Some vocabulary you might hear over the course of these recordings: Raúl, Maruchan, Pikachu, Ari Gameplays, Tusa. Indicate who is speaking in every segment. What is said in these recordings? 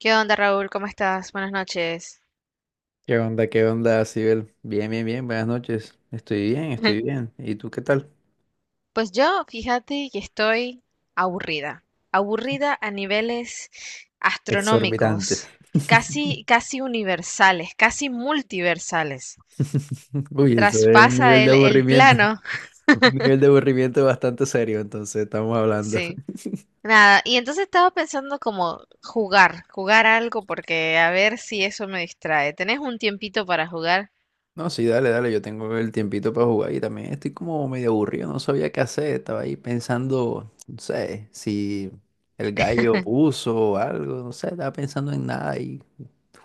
Speaker 1: ¿Qué onda, Raúl? ¿Cómo estás? Buenas noches.
Speaker 2: ¿Qué onda? ¿Qué onda, Sibel? Bien, bien, bien, buenas noches. Estoy bien, estoy bien. ¿Y tú qué tal?
Speaker 1: Pues yo, fíjate que estoy aburrida, aburrida a niveles
Speaker 2: Exorbitantes.
Speaker 1: astronómicos, casi universales, casi multiversales.
Speaker 2: Uy, eso es un
Speaker 1: Traspasa
Speaker 2: nivel de
Speaker 1: el
Speaker 2: aburrimiento,
Speaker 1: plano.
Speaker 2: un nivel de aburrimiento bastante serio, entonces estamos hablando.
Speaker 1: Sí. Nada, y entonces estaba pensando como jugar algo porque a ver si eso me distrae. ¿Tenés un tiempito para jugar?
Speaker 2: No, sí, dale, dale, yo tengo el tiempito para jugar y también estoy como medio aburrido, no sabía qué hacer, estaba ahí pensando, no sé, si el gallo puso algo, no sé, estaba pensando en nada y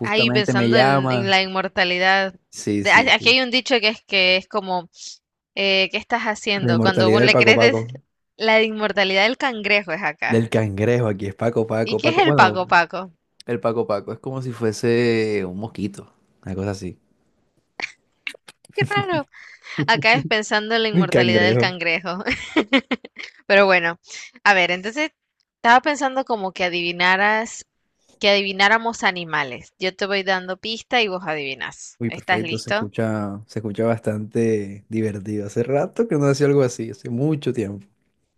Speaker 1: Ahí
Speaker 2: me
Speaker 1: pensando en
Speaker 2: llama.
Speaker 1: la inmortalidad.
Speaker 2: Sí, sí.
Speaker 1: Aquí
Speaker 2: Sí.
Speaker 1: hay un dicho que es como, ¿qué estás
Speaker 2: La
Speaker 1: haciendo? Cuando
Speaker 2: inmortalidad
Speaker 1: vos
Speaker 2: del
Speaker 1: le
Speaker 2: Paco
Speaker 1: crees
Speaker 2: Paco.
Speaker 1: la inmortalidad del cangrejo es acá.
Speaker 2: Del cangrejo, aquí es Paco
Speaker 1: ¿Y
Speaker 2: Paco,
Speaker 1: qué es
Speaker 2: Paco.
Speaker 1: el
Speaker 2: Bueno,
Speaker 1: Paco Paco?
Speaker 2: el Paco Paco es como si fuese un mosquito, una cosa así.
Speaker 1: Qué raro. Acá es pensando en la
Speaker 2: Un
Speaker 1: inmortalidad del
Speaker 2: cangrejo.
Speaker 1: cangrejo. Pero bueno, a ver, entonces estaba pensando como que adivinaras, que adivináramos animales. Yo te voy dando pista y vos adivinas.
Speaker 2: Uy,
Speaker 1: ¿Estás
Speaker 2: perfecto,
Speaker 1: listo?
Speaker 2: se escucha bastante divertido. Hace rato que no hacía algo así, hace mucho tiempo.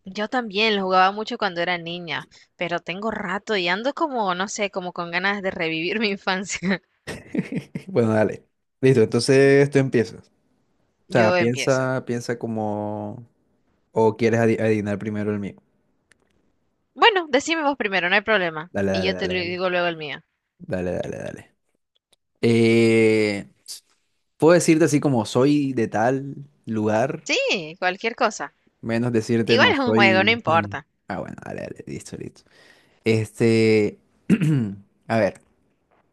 Speaker 1: Yo también lo jugaba mucho cuando era niña, pero tengo rato y ando como, no sé, como con ganas de revivir mi infancia.
Speaker 2: Bueno, dale. Listo, entonces tú empiezas. O sea,
Speaker 1: Yo empiezo.
Speaker 2: piensa, piensa como... O quieres adivinar primero el mío.
Speaker 1: Bueno, decime vos primero, no hay problema.
Speaker 2: Dale,
Speaker 1: Y
Speaker 2: dale,
Speaker 1: yo te
Speaker 2: dale,
Speaker 1: lo
Speaker 2: dale.
Speaker 1: digo luego el mío.
Speaker 2: Dale, dale, dale. Eh, puedo decirte así como soy de tal lugar.
Speaker 1: Sí, cualquier cosa.
Speaker 2: Menos decirte
Speaker 1: Igual
Speaker 2: no,
Speaker 1: es un juego, no
Speaker 2: soy... nin".
Speaker 1: importa.
Speaker 2: Ah, bueno, dale, dale, listo, listo. Este, a ver,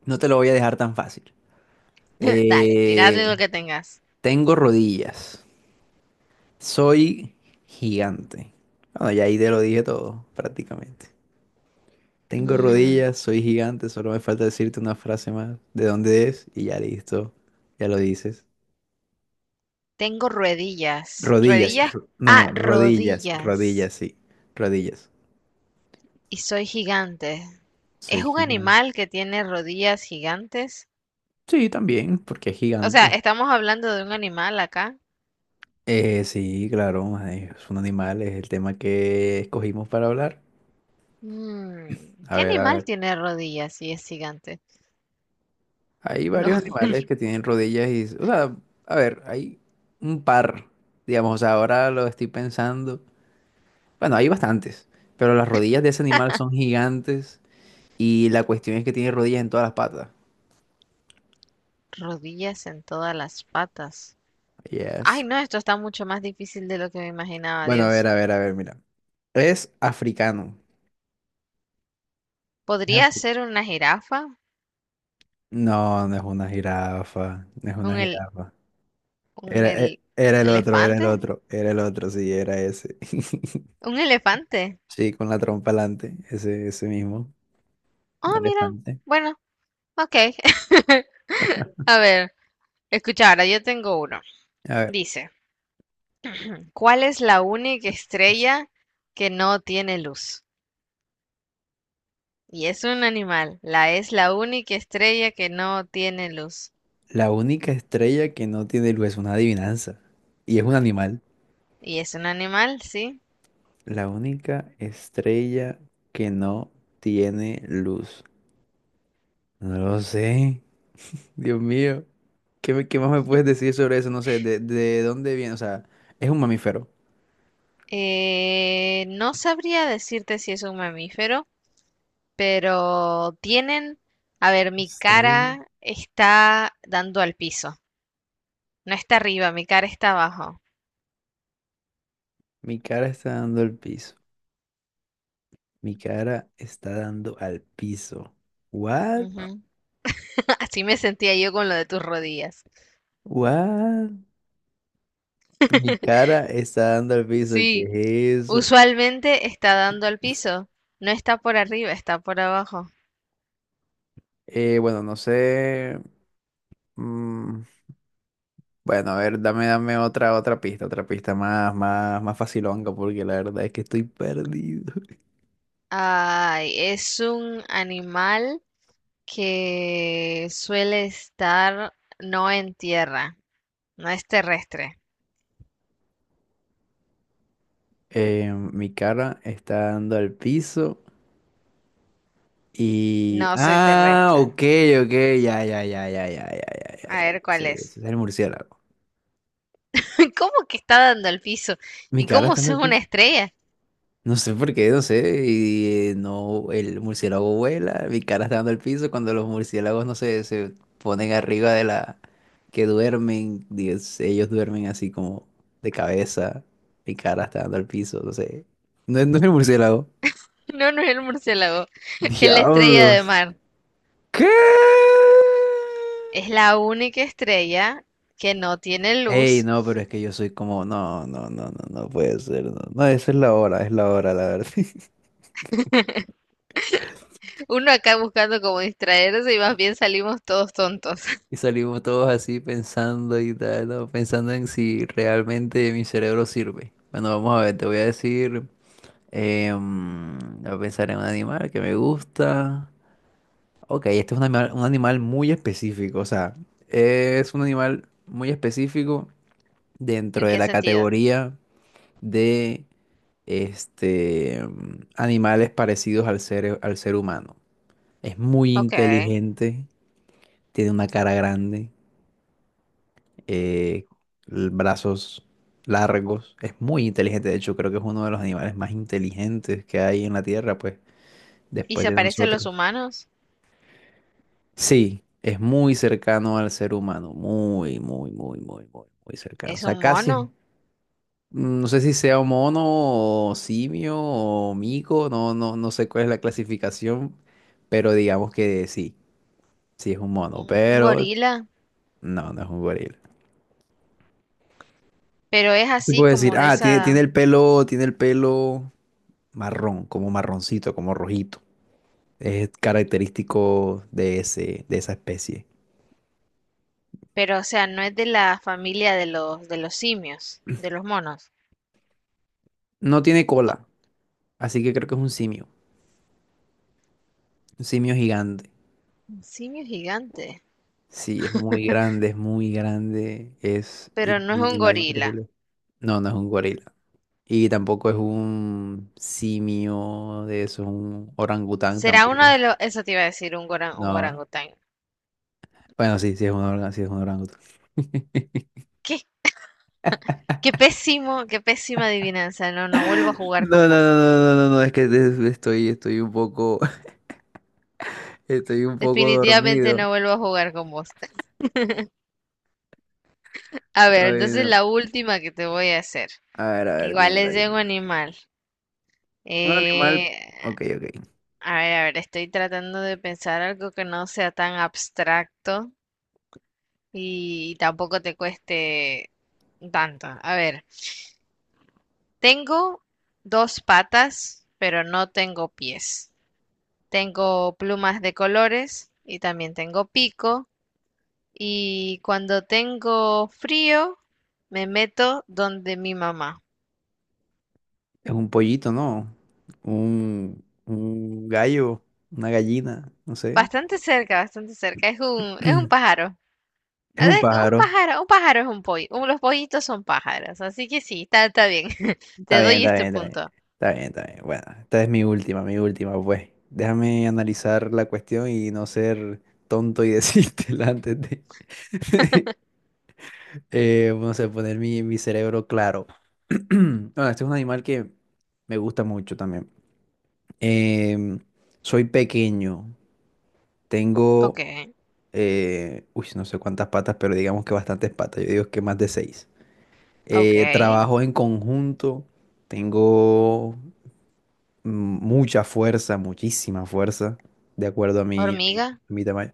Speaker 2: no te lo voy a dejar tan fácil.
Speaker 1: Dale, tiradle lo
Speaker 2: Eh,
Speaker 1: que tengas.
Speaker 2: tengo rodillas. Soy gigante. Bueno, ya ahí te lo dije todo, prácticamente. Tengo
Speaker 1: Mm,
Speaker 2: rodillas, soy gigante, solo me falta decirte una frase más de dónde es y ya listo, ya lo dices.
Speaker 1: tengo ruedillas.
Speaker 2: Rodillas,
Speaker 1: Ruedillas.
Speaker 2: ro- no,
Speaker 1: Ah,
Speaker 2: no, rodillas,
Speaker 1: rodillas.
Speaker 2: rodillas, sí, rodillas.
Speaker 1: Y soy gigante.
Speaker 2: Soy
Speaker 1: ¿Es un
Speaker 2: gigante.
Speaker 1: animal que tiene rodillas gigantes?
Speaker 2: Sí, también, porque es
Speaker 1: O sea,
Speaker 2: gigante.
Speaker 1: ¿estamos hablando de un animal acá?
Speaker 2: Sí, claro, mae, es un animal, es el tema que escogimos para hablar.
Speaker 1: Mm,
Speaker 2: A
Speaker 1: ¿qué
Speaker 2: ver, a
Speaker 1: animal
Speaker 2: ver.
Speaker 1: tiene rodillas y es gigante?
Speaker 2: Hay
Speaker 1: No,
Speaker 2: varios animales que tienen rodillas y, o sea, a ver, hay un par, digamos, o sea, ahora lo estoy pensando. Bueno, hay bastantes, pero las rodillas de ese animal son gigantes y la cuestión es que tiene rodillas en todas las patas.
Speaker 1: rodillas en todas las patas. Ay,
Speaker 2: Yes.
Speaker 1: no, esto está mucho más difícil de lo que me imaginaba,
Speaker 2: Bueno, a ver,
Speaker 1: Dios.
Speaker 2: a ver, a ver, mira. Es africano. Es
Speaker 1: ¿Podría
Speaker 2: afri-
Speaker 1: ser una jirafa?
Speaker 2: No, no es una jirafa, no es una
Speaker 1: ¿Un el,
Speaker 2: jirafa.
Speaker 1: un
Speaker 2: Era,
Speaker 1: el-
Speaker 2: era el otro, era el
Speaker 1: elefante?
Speaker 2: otro, era el otro, sí, era ese.
Speaker 1: ¿Un elefante?
Speaker 2: Sí, con la trompa alante, ese mismo, un
Speaker 1: Oh, mira.
Speaker 2: elefante.
Speaker 1: Bueno, ok. A ver, escucha, ahora yo tengo uno.
Speaker 2: A ver,
Speaker 1: Dice, ¿cuál es la única estrella que no tiene luz? Y es un animal. La es la única estrella que no tiene luz.
Speaker 2: la única estrella que no tiene luz es una adivinanza. Y es un animal.
Speaker 1: Y es un animal, sí.
Speaker 2: La única estrella que no tiene luz. No lo sé. Dios mío. ¿Qué, qué más me puedes decir sobre eso? No sé, de dónde viene? O sea, es un mamífero.
Speaker 1: No sabría decirte si es un mamífero, pero tienen... A ver, mi
Speaker 2: Estrella.
Speaker 1: cara está dando al piso. No está arriba, mi cara está abajo.
Speaker 2: Mi cara está dando el piso. Mi cara está dando al piso. What?
Speaker 1: Ujú. Así me sentía yo con lo de tus rodillas.
Speaker 2: What? Mi cara está dando al piso.
Speaker 1: Sí,
Speaker 2: ¿Qué es eso?
Speaker 1: usualmente está dando al piso. No está por arriba, está por abajo.
Speaker 2: Bueno, no sé. mm, bueno, a ver, dame, dame otra, otra pista más, más, más facilonga, porque la verdad es que estoy perdido.
Speaker 1: Ay, es un animal que suele estar no en tierra, no es terrestre,
Speaker 2: Mi cara está dando al piso y...
Speaker 1: no soy
Speaker 2: Ah,
Speaker 1: terrestre.
Speaker 2: ok, ok, ya, ya, ya, ya, ya, ya, ya, ya, ya.
Speaker 1: A
Speaker 2: Ya,
Speaker 1: ver
Speaker 2: ese
Speaker 1: cuál es.
Speaker 2: es el murciélago.
Speaker 1: ¿Cómo que está dando al piso?
Speaker 2: Mi
Speaker 1: ¿Y
Speaker 2: cara
Speaker 1: cómo
Speaker 2: está
Speaker 1: es
Speaker 2: dando al
Speaker 1: una
Speaker 2: piso.
Speaker 1: estrella?
Speaker 2: No sé por qué, no sé. Y no, el murciélago vuela, mi cara está dando el piso cuando los murciélagos, no sé, se ponen arriba de la que duermen. Dios, ellos duermen así como de cabeza. Mi cara está dando el piso, no sé. No, no es el murciélago.
Speaker 1: No, no es el murciélago, es la estrella de
Speaker 2: Diablos.
Speaker 1: mar.
Speaker 2: ¿Qué?
Speaker 1: Es la única estrella que no tiene
Speaker 2: Ey,
Speaker 1: luz.
Speaker 2: no, pero es que yo soy como, no, no, no, no, no puede ser. No, no, esa es la hora, la verdad.
Speaker 1: Uno acá buscando como distraerse y más bien salimos todos tontos.
Speaker 2: Y salimos todos así pensando y tal, ¿no? Pensando en si realmente mi cerebro sirve. Bueno, vamos a ver, te voy a decir, voy a pensar en un animal que me gusta. Ok, este es un animal muy específico, o sea, es un animal muy específico
Speaker 1: ¿En
Speaker 2: dentro de
Speaker 1: qué
Speaker 2: la
Speaker 1: sentido?
Speaker 2: categoría de este, animales parecidos al ser humano. Es muy
Speaker 1: Ok.
Speaker 2: inteligente, tiene una cara grande eh, brazos largos. Es muy inteligente, de hecho, creo que es uno de los animales más inteligentes que hay en la Tierra, pues,
Speaker 1: ¿Y
Speaker 2: después
Speaker 1: se
Speaker 2: de
Speaker 1: parece a los
Speaker 2: nosotros.
Speaker 1: humanos?
Speaker 2: Sí, es muy cercano al ser humano, muy, muy, muy, muy, muy, muy cercano. O
Speaker 1: ¿Es
Speaker 2: sea,
Speaker 1: un
Speaker 2: casi,
Speaker 1: mono?
Speaker 2: no sé si sea mono o simio o mico, no, no, no sé cuál es la clasificación, pero digamos que sí, sí es un mono,
Speaker 1: ¿Un
Speaker 2: pero
Speaker 1: gorila?
Speaker 2: no, no es un gorila.
Speaker 1: Pero es
Speaker 2: Te
Speaker 1: así
Speaker 2: puedo decir,
Speaker 1: como de
Speaker 2: ah,
Speaker 1: esa,
Speaker 2: tiene el pelo marrón, como marroncito, como rojito. Es característico de ese, de esa especie.
Speaker 1: pero o sea, no es de la familia de los simios, de los monos.
Speaker 2: No tiene cola, así que creo que es un simio gigante.
Speaker 1: Un simio gigante,
Speaker 2: Sí, es muy grande,
Speaker 1: pero no es
Speaker 2: un
Speaker 1: un
Speaker 2: animal
Speaker 1: gorila.
Speaker 2: increíble. No, no es un gorila. Y tampoco es un simio de eso, un orangután
Speaker 1: Será
Speaker 2: tampoco
Speaker 1: uno de
Speaker 2: es.
Speaker 1: los, eso te iba a decir, un un
Speaker 2: No,
Speaker 1: orangután.
Speaker 2: bueno, sí, sí es un orangután.
Speaker 1: ¿Qué? Qué pésimo, qué pésima adivinanza. No, no vuelvo a jugar
Speaker 2: No, no, no,
Speaker 1: con vos.
Speaker 2: no, no, no, no, es que estoy, estoy un poco, estoy un poco
Speaker 1: Definitivamente
Speaker 2: dormido.
Speaker 1: no vuelvo a jugar con vos. A ver,
Speaker 2: Ay,
Speaker 1: entonces
Speaker 2: no.
Speaker 1: la última que te voy a hacer.
Speaker 2: A ver,
Speaker 1: Igual
Speaker 2: dímela,
Speaker 1: es de un
Speaker 2: dímela.
Speaker 1: animal.
Speaker 2: Un animal.
Speaker 1: Eh,
Speaker 2: Ok, ok.
Speaker 1: a ver, estoy tratando de pensar algo que no sea tan abstracto. Y tampoco te cueste tanto. A ver, tengo dos patas, pero no tengo pies. Tengo plumas de colores y también tengo pico. Y cuando tengo frío, me meto donde mi mamá.
Speaker 2: Es un pollito, ¿no? Un gallo, una gallina, no sé.
Speaker 1: Bastante cerca, bastante cerca. Es un pájaro.
Speaker 2: Es
Speaker 1: A
Speaker 2: un
Speaker 1: ver, un
Speaker 2: pájaro.
Speaker 1: pájaro, un pájaro es un pollo. Los pollitos son pájaros. Así que sí, está, está bien.
Speaker 2: Está
Speaker 1: Te
Speaker 2: bien,
Speaker 1: doy
Speaker 2: está
Speaker 1: este
Speaker 2: bien, está bien.
Speaker 1: punto.
Speaker 2: Está bien, está bien. Bueno, esta es mi última, pues. Déjame analizar la cuestión y no ser tonto y decírtela antes de. No sé, poner mi, mi cerebro claro. Bueno, este es un animal que me gusta mucho también. Em, soy pequeño.
Speaker 1: Ok,
Speaker 2: Tengo, uy, no sé cuántas patas, pero digamos que bastantes patas. Yo digo que más de seis.
Speaker 1: ok.
Speaker 2: Trabajo en conjunto. Tengo mm, mucha fuerza, muchísima fuerza, de acuerdo a mi, a mi,
Speaker 1: Hormiga.
Speaker 2: a mi tamaño.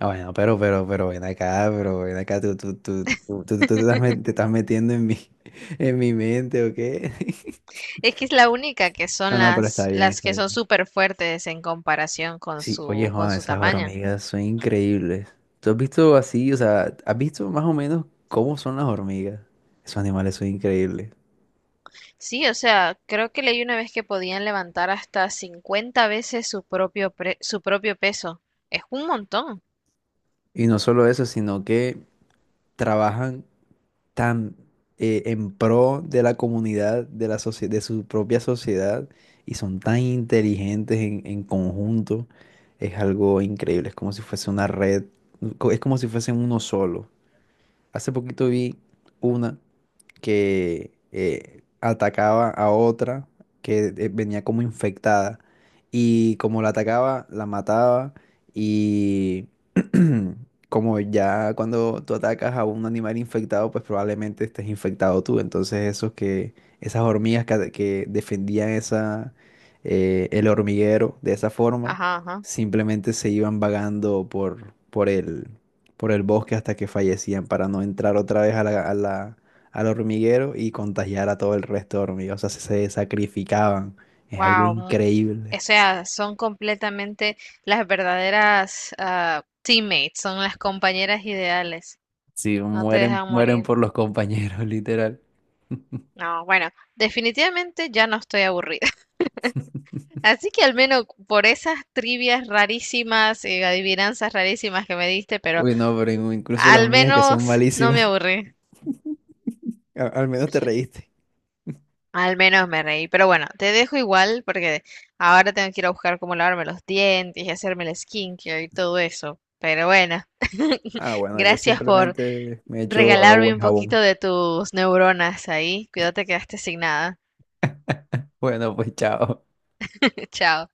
Speaker 2: Ah, bueno, pero, ven acá, tú, tú te te estás metiendo en mi, en mi mente, ¿o qué?
Speaker 1: Es que es la única que
Speaker 2: No,
Speaker 1: son
Speaker 2: no, pero está bien,
Speaker 1: las
Speaker 2: está
Speaker 1: que son
Speaker 2: bien.
Speaker 1: súper fuertes en comparación con
Speaker 2: Sí, oye,
Speaker 1: su, con
Speaker 2: Juan,
Speaker 1: su
Speaker 2: esas
Speaker 1: tamaño.
Speaker 2: hormigas son increíbles. ¿Tú has visto así, o sea, has visto más o menos cómo son las hormigas? Esos animales son increíbles.
Speaker 1: Sí, o sea, creo que leí una vez que podían levantar hasta 50 veces su propio peso. Es un montón.
Speaker 2: Y no solo eso, sino que trabajan tan en pro de la comunidad, de la de su propia sociedad, y son tan inteligentes en conjunto. Es algo increíble, es como si fuese una red, es como si fuesen uno solo. Hace poquito vi una que atacaba a otra que venía como infectada y como la atacaba, la mataba y como ya cuando tú atacas a un animal infectado, pues probablemente estés infectado tú. Entonces esos que, esas hormigas que, que defendían esa, el hormiguero de esa forma,
Speaker 1: Ajá, ajá.
Speaker 2: simplemente se iban vagando por el bosque hasta que fallecían para no entrar otra vez a la, al hormiguero y contagiar a todo el resto de hormigas. O sea, se sacrificaban. Es algo
Speaker 1: Wow.
Speaker 2: increíble.
Speaker 1: O sea, son completamente las verdaderas teammates, son las compañeras ideales.
Speaker 2: Sí,
Speaker 1: No te
Speaker 2: mueren,
Speaker 1: dejan
Speaker 2: mueren
Speaker 1: morir.
Speaker 2: por los compañeros, literal.
Speaker 1: No, bueno, definitivamente ya no estoy aburrida. Así que al menos por esas trivias rarísimas, adivinanzas rarísimas que me diste, pero
Speaker 2: Uy, no, pero incluso las
Speaker 1: al
Speaker 2: mías que son
Speaker 1: menos no me
Speaker 2: malísimas,
Speaker 1: aburrí,
Speaker 2: al menos te reíste.
Speaker 1: al menos me reí. Pero bueno, te dejo igual porque ahora tengo que ir a buscar cómo lavarme los dientes y hacerme el skincare y todo eso. Pero bueno,
Speaker 2: Ah, bueno, yo
Speaker 1: gracias por
Speaker 2: simplemente me echo agua
Speaker 1: regalarme
Speaker 2: y
Speaker 1: un
Speaker 2: jabón.
Speaker 1: poquito de tus neuronas ahí. Cuídate, quedaste sin nada.
Speaker 2: Bueno, pues chao.
Speaker 1: Chao.